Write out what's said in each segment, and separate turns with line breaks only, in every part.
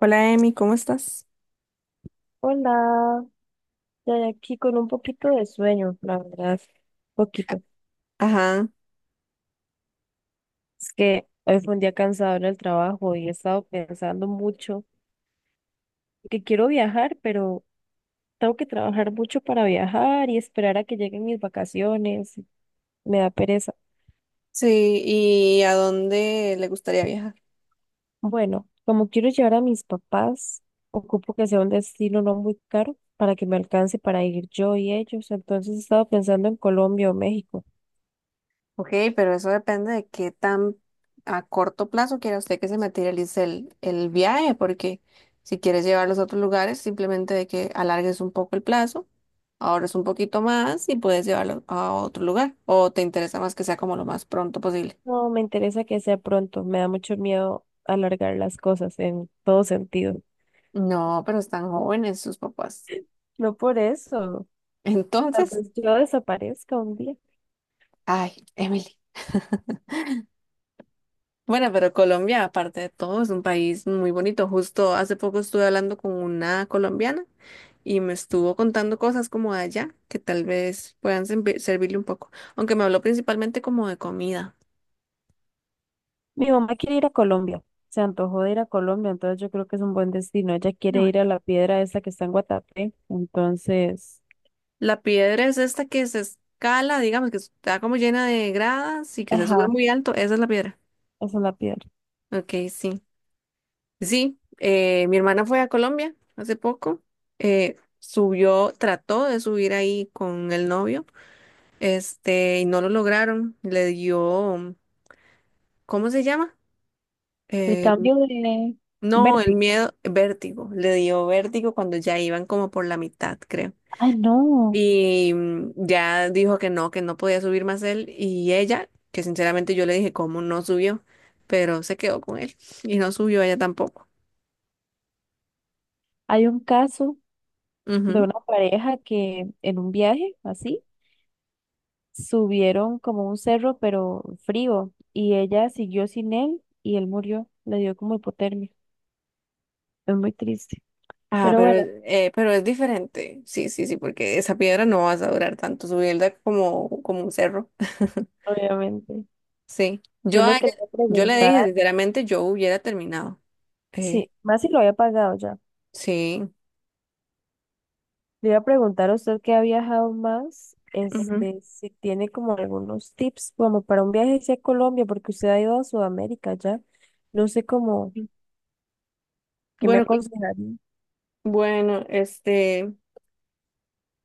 Hola Emi, ¿cómo estás?
Hola, ya de aquí con un poquito de sueño, la verdad, poquito.
Ajá,
Es que hoy fue un día cansado en el trabajo y he estado pensando mucho que quiero viajar, pero tengo que trabajar mucho para viajar y esperar a que lleguen mis vacaciones. Me da pereza.
sí, ¿y a dónde le gustaría viajar?
Bueno, como quiero llevar a mis papás, ocupo que sea un destino no muy caro para que me alcance para ir yo y ellos. Entonces he estado pensando en Colombia o México.
Ok, pero eso depende de qué tan a corto plazo quiera usted que se materialice el viaje, porque si quieres llevarlos a otros lugares, simplemente de que alargues un poco el plazo, ahorres un poquito más y puedes llevarlo a otro lugar, o te interesa más que sea como lo más pronto posible.
No, me interesa que sea pronto. Me da mucho miedo alargar las cosas en todo sentido.
No, pero están jóvenes sus papás.
No por eso. Tal
Entonces,
vez yo desaparezca un día.
ay, Emily. Bueno, pero Colombia, aparte de todo, es un país muy bonito. Justo hace poco estuve hablando con una colombiana y me estuvo contando cosas como de allá que tal vez puedan servirle un poco, aunque me habló principalmente como de comida.
Mi mamá quiere ir a Colombia. Se antojó de ir a Colombia, entonces yo creo que es un buen destino. Ella
Ah,
quiere
bueno.
ir a la piedra esa que está en Guatapé. Entonces,
La piedra es esta que se escala, digamos, que está como llena de gradas y que se sube
ajá,
muy alto. Esa es la piedra.
esa es la piedra.
Ok, sí. Sí, mi hermana fue a Colombia hace poco. Subió, trató de subir ahí con el novio. Este, y no lo lograron. Le dio, ¿cómo se llama?
El
El-
cambio de
no, el
vértigo.
miedo, vértigo. Le dio vértigo cuando ya iban como por la mitad, creo.
Ay, no.
Y ya dijo que no podía subir más él y ella, que sinceramente yo le dije cómo no subió, pero se quedó con él y no subió ella tampoco.
Hay un caso de
Ujú.
una pareja que en un viaje así. Subieron como un cerro, pero frío, y ella siguió sin él y él murió. Le dio como hipotermia. Es muy triste.
Ah,
Pero
pero,
bueno,
pero es diferente. Sí, sí, sí, porque esa piedra no vas a durar tanto subirla como, como un cerro.
obviamente.
Sí,
Yo lo que le iba a
yo le dije,
preguntar,
sinceramente, yo hubiera terminado. Eh,
sí, más si lo había pagado ya.
sí.
Le iba a preguntar a usted que ha viajado más,
Ujú.
este, si tiene como algunos tips como para un viaje hacia Colombia, porque usted ha ido a Sudamérica ya. No sé cómo, ¿qué me
Bueno, cu-
aconsejaría?
bueno, este,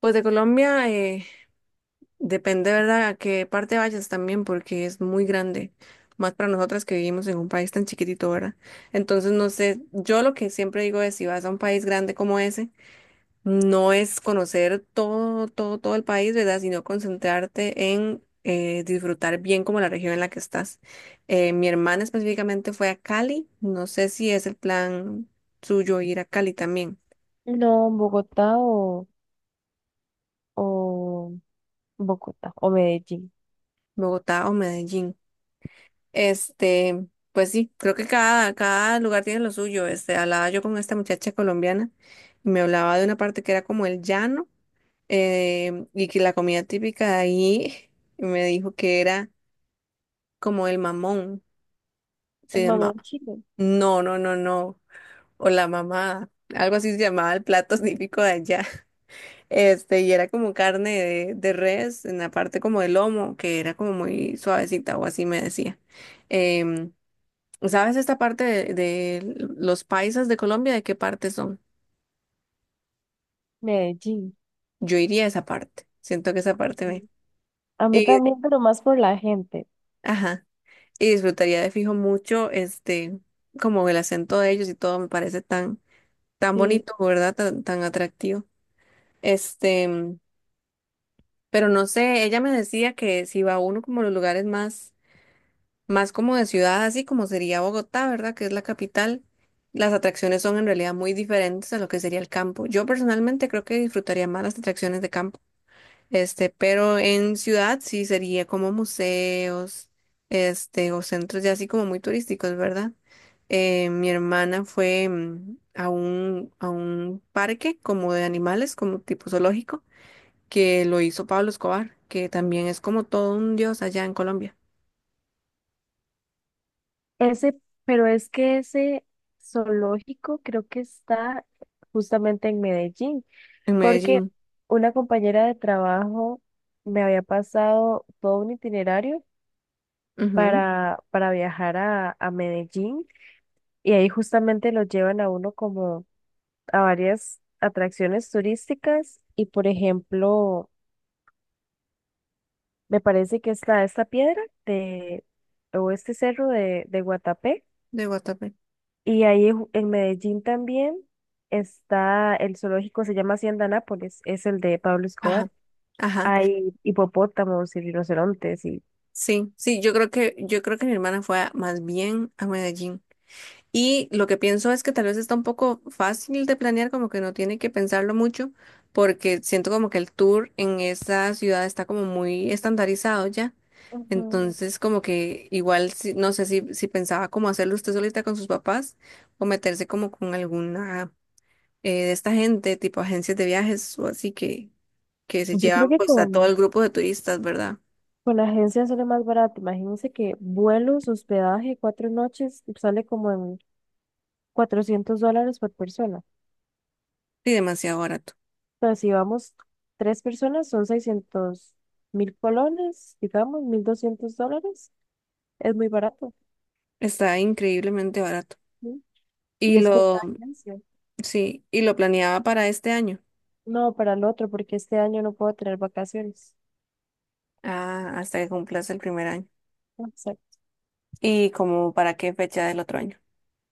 pues de Colombia depende, ¿verdad?, a qué parte vayas también, porque es muy grande, más para nosotras que vivimos en un país tan chiquitito, ¿verdad? Entonces, no sé, yo lo que siempre digo es, si vas a un país grande como ese, no es conocer todo, todo, todo el país, ¿verdad? Sino concentrarte en disfrutar bien como la región en la que estás. Mi hermana específicamente fue a Cali. No sé si es el plan suyo ir a Cali también,
No, Bogotá o Bogotá o Medellín.
Bogotá o Medellín. Este, pues sí, creo que cada lugar tiene lo suyo. Este, hablaba yo con esta muchacha colombiana y me hablaba de una parte que era como el llano y que la comida típica de ahí me dijo que era como el mamón. Se
El
llama,
mamón chino.
no, no, no, no, o la mamá, algo así se llamaba el plato típico de allá. Este, y era como carne de res, en la parte como del lomo, que era como muy suavecita, o así me decía. Em, ¿Sabes esta parte de los paisas de Colombia? ¿De qué parte son?
Medellín.
Yo iría a esa parte, siento que esa parte me...
A mí
Y,
también, pero más por la gente.
ajá, y disfrutaría de fijo mucho, este, como el acento de ellos y todo me parece tan, tan
Sí.
bonito, ¿verdad? Tan, tan atractivo. Este, pero no sé, ella me decía que si va uno como a los lugares más, más como de ciudad, así como sería Bogotá, ¿verdad? Que es la capital, las atracciones son en realidad muy diferentes a lo que sería el campo. Yo personalmente creo que disfrutaría más las atracciones de campo, este, pero en ciudad sí sería como museos, este, o centros ya así como muy turísticos, ¿verdad? Mi hermana fue a un parque como de animales, como tipo zoológico que lo hizo Pablo Escobar, que también es como todo un dios allá en Colombia,
Ese, pero es que ese zoológico creo que está justamente en Medellín,
en
porque
Medellín.
una compañera de trabajo me había pasado todo un itinerario
Ujú,
para viajar a Medellín y ahí justamente lo llevan a uno como a varias atracciones turísticas y por ejemplo... Me parece que está esta piedra de, o este cerro de Guatapé.
de Guatapé.
Y ahí en Medellín también está el zoológico, se llama Hacienda Nápoles, es el de Pablo
Ajá,
Escobar.
ajá.
Hay hipopótamos y rinocerontes y
Sí, sí, yo creo que mi hermana fue más bien a Medellín. Y lo que pienso es que tal vez está un poco fácil de planear, como que no tiene que pensarlo mucho, porque siento como que el tour en esa ciudad está como muy estandarizado ya.
Ujú.
Entonces, como que igual, no sé si pensaba como hacerlo usted solita con sus papás o meterse como con alguna de esta gente, tipo agencias de viajes o así que se
Yo
llevan.
creo
Sí,
que
pues a todo
con,
el grupo de turistas, ¿verdad?
con agencia sale más barato. Imagínense que vuelos, hospedaje, 4 noches, sale como en $400 por persona.
Y demasiado barato.
Entonces, si vamos tres personas, son 600.000 colones, digamos, $1.200. Es muy barato.
Está increíblemente barato.
¿Sí?
Y
Y es como
lo,
una ganancia.
sí, y lo planeaba para este año.
No, para el otro, porque este año no puedo tener vacaciones.
Ah, hasta que cumplas el primer año.
Exacto.
¿Y como para qué fecha del otro año?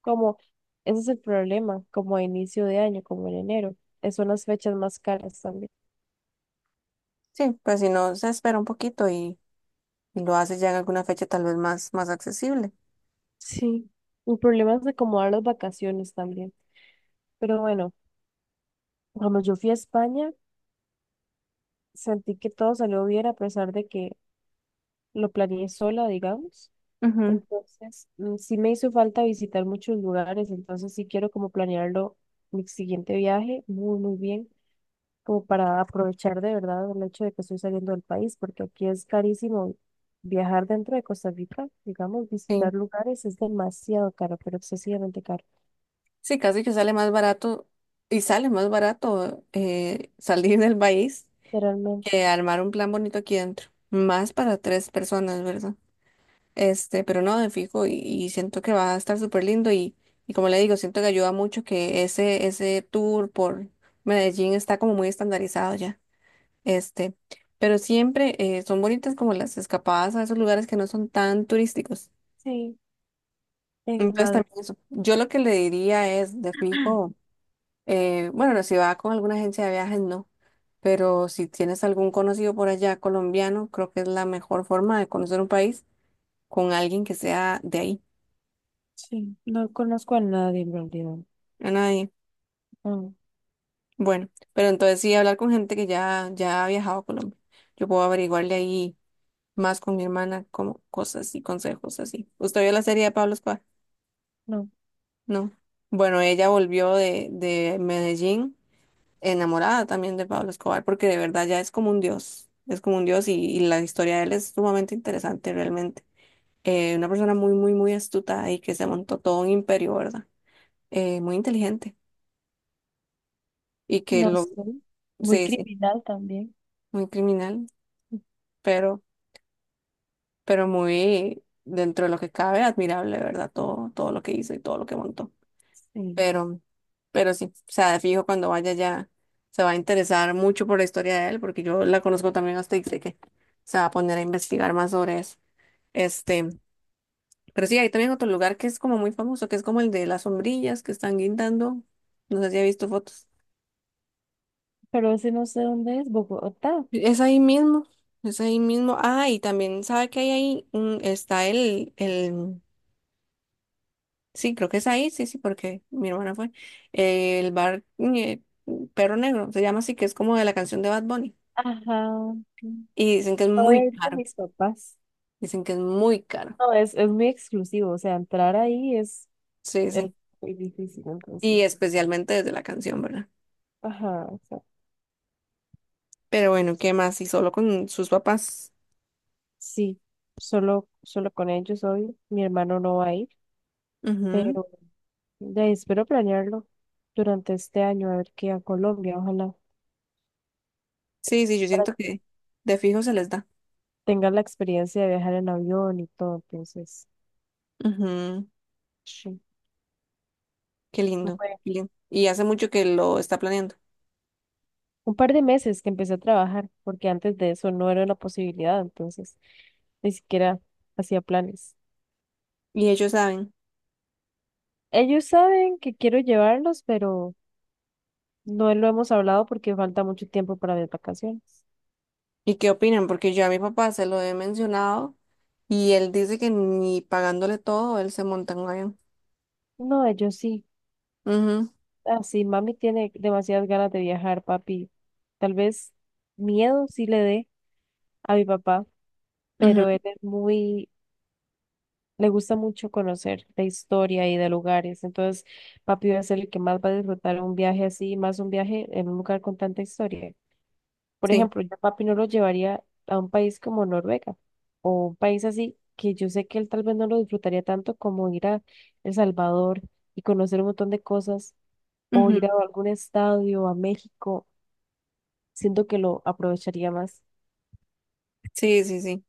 Como, ese es el problema, como a inicio de año, como en enero. Es Son las fechas más caras también.
Sí, pues si no, se espera un poquito y lo haces ya en alguna fecha tal vez más, más accesible.
Sí. El problema es de acomodar las vacaciones también. Pero bueno, cuando yo fui a España, sentí que todo salió bien a pesar de que lo planeé sola, digamos.
Ujú,
Entonces, mm, sí me hizo falta visitar muchos lugares, entonces sí quiero como planearlo mi siguiente viaje muy, muy bien, como para aprovechar de verdad el hecho de que estoy saliendo del país, porque aquí es carísimo viajar dentro de Costa Rica, digamos,
sí.
visitar lugares es demasiado caro, pero excesivamente caro,
Sí, casi que sale más barato y sale más barato salir del país
realmente.
que armar un plan bonito aquí dentro, más para tres personas, ¿verdad? Este, pero no, de fijo, y siento que va a estar súper lindo y como le digo, siento que ayuda mucho que ese tour por Medellín está como muy estandarizado ya, este, pero siempre son bonitas como las escapadas a esos lugares que no son tan turísticos.
Sí, en
Entonces
Madrid,
también eso, yo lo que le diría es, de fijo. Bueno, no, si va con alguna agencia de viajes, no. Pero si tienes algún conocido por allá colombiano, creo que es la mejor forma de conocer un país con alguien que sea de ahí,
sí, no conozco a nadie en realidad.
a nadie.
No,
Bueno, pero entonces sí hablar con gente que ya ha viajado a Colombia. Yo puedo averiguarle ahí más con mi hermana, como cosas y consejos así. ¿Usted vio la serie de Pablo Escobar?
no,
No. Bueno, ella volvió de Medellín enamorada también de Pablo Escobar, porque de verdad ya es como un dios, es como un dios y la historia de él es sumamente interesante realmente. Una persona muy, muy, muy astuta y que se montó todo un imperio, ¿verdad? Muy inteligente y que
no
lo,
sé. Muy
sí, sí,
criminal también.
muy criminal, pero, pero muy dentro de lo que cabe, admirable, ¿verdad? Todo, todo lo que hizo y todo lo que montó.
Sí,
pero, pero sí, o sea, de fijo cuando vaya ya se va a interesar mucho por la historia de él, porque yo la conozco también hasta y sé que se va a poner a investigar más sobre eso. Este, pero sí, hay también otro lugar que es como muy famoso, que es como el de las sombrillas que están guindando. No sé si ha visto fotos.
pero ese no sé dónde es, Bogotá.
Es ahí mismo, es ahí mismo. Ah, y también sabe que hay ahí, está sí, creo que es ahí, sí, sí, porque mi hermana fue. El bar Perro Negro, se llama así, que es como de la canción de Bad Bunny.
Ajá.
Y dicen que es
No voy
muy
a ir con
caro,
mis papás.
dicen que es muy caro.
No, es muy exclusivo, o sea, entrar ahí
Sí,
es
sí.
muy difícil,
Y
entonces.
especialmente desde la canción, ¿verdad?
Ajá, o sea,
Pero bueno, ¿qué más? Y solo con sus papás.
sí, solo con ellos hoy, mi hermano no va a ir,
Ujú.
pero de ahí espero planearlo durante este año, a ver qué a Colombia, ojalá,
Sí, sí, yo
para
siento
que
que de fijo se les da.
tengan la experiencia de viajar en avión y todo, entonces,
Ujú.
sí.
Qué lindo, qué lindo. Y hace mucho que lo está planeando.
Un par de meses que empecé a trabajar, porque antes de eso no era una posibilidad, entonces ni siquiera hacía planes.
Y ellos saben.
Ellos saben que quiero llevarlos, pero no lo hemos hablado porque falta mucho tiempo para mis vacaciones.
¿Y qué opinan? Porque yo a mi papá se lo he mencionado y él dice que ni pagándole todo, él se monta en un avión.
No, ellos sí.
Ujú,
Así, mami tiene demasiadas ganas de viajar, papi. Tal vez miedo sí le dé a mi papá,
ujú,
pero él es muy le gusta mucho conocer la historia y de lugares. Entonces, papi va a ser el que más va a disfrutar un viaje así, más un viaje en un lugar con tanta historia. Por
sí,
ejemplo, yo a papi no lo llevaría a un país como Noruega o un país así que yo sé que él tal vez no lo disfrutaría tanto como ir a El Salvador y conocer un montón de cosas o
ujú,
ir a algún estadio, a México. Siento que lo aprovecharía más.
sí, sí, sí.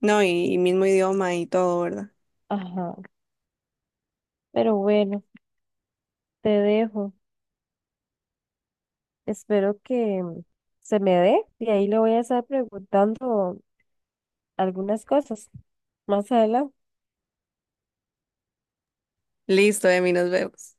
No, y mismo idioma y todo, ¿verdad?
Ajá, pero bueno, te dejo. Espero que se me dé y ahí le voy a estar preguntando algunas cosas más adelante.
Listo, Emi, nos vemos.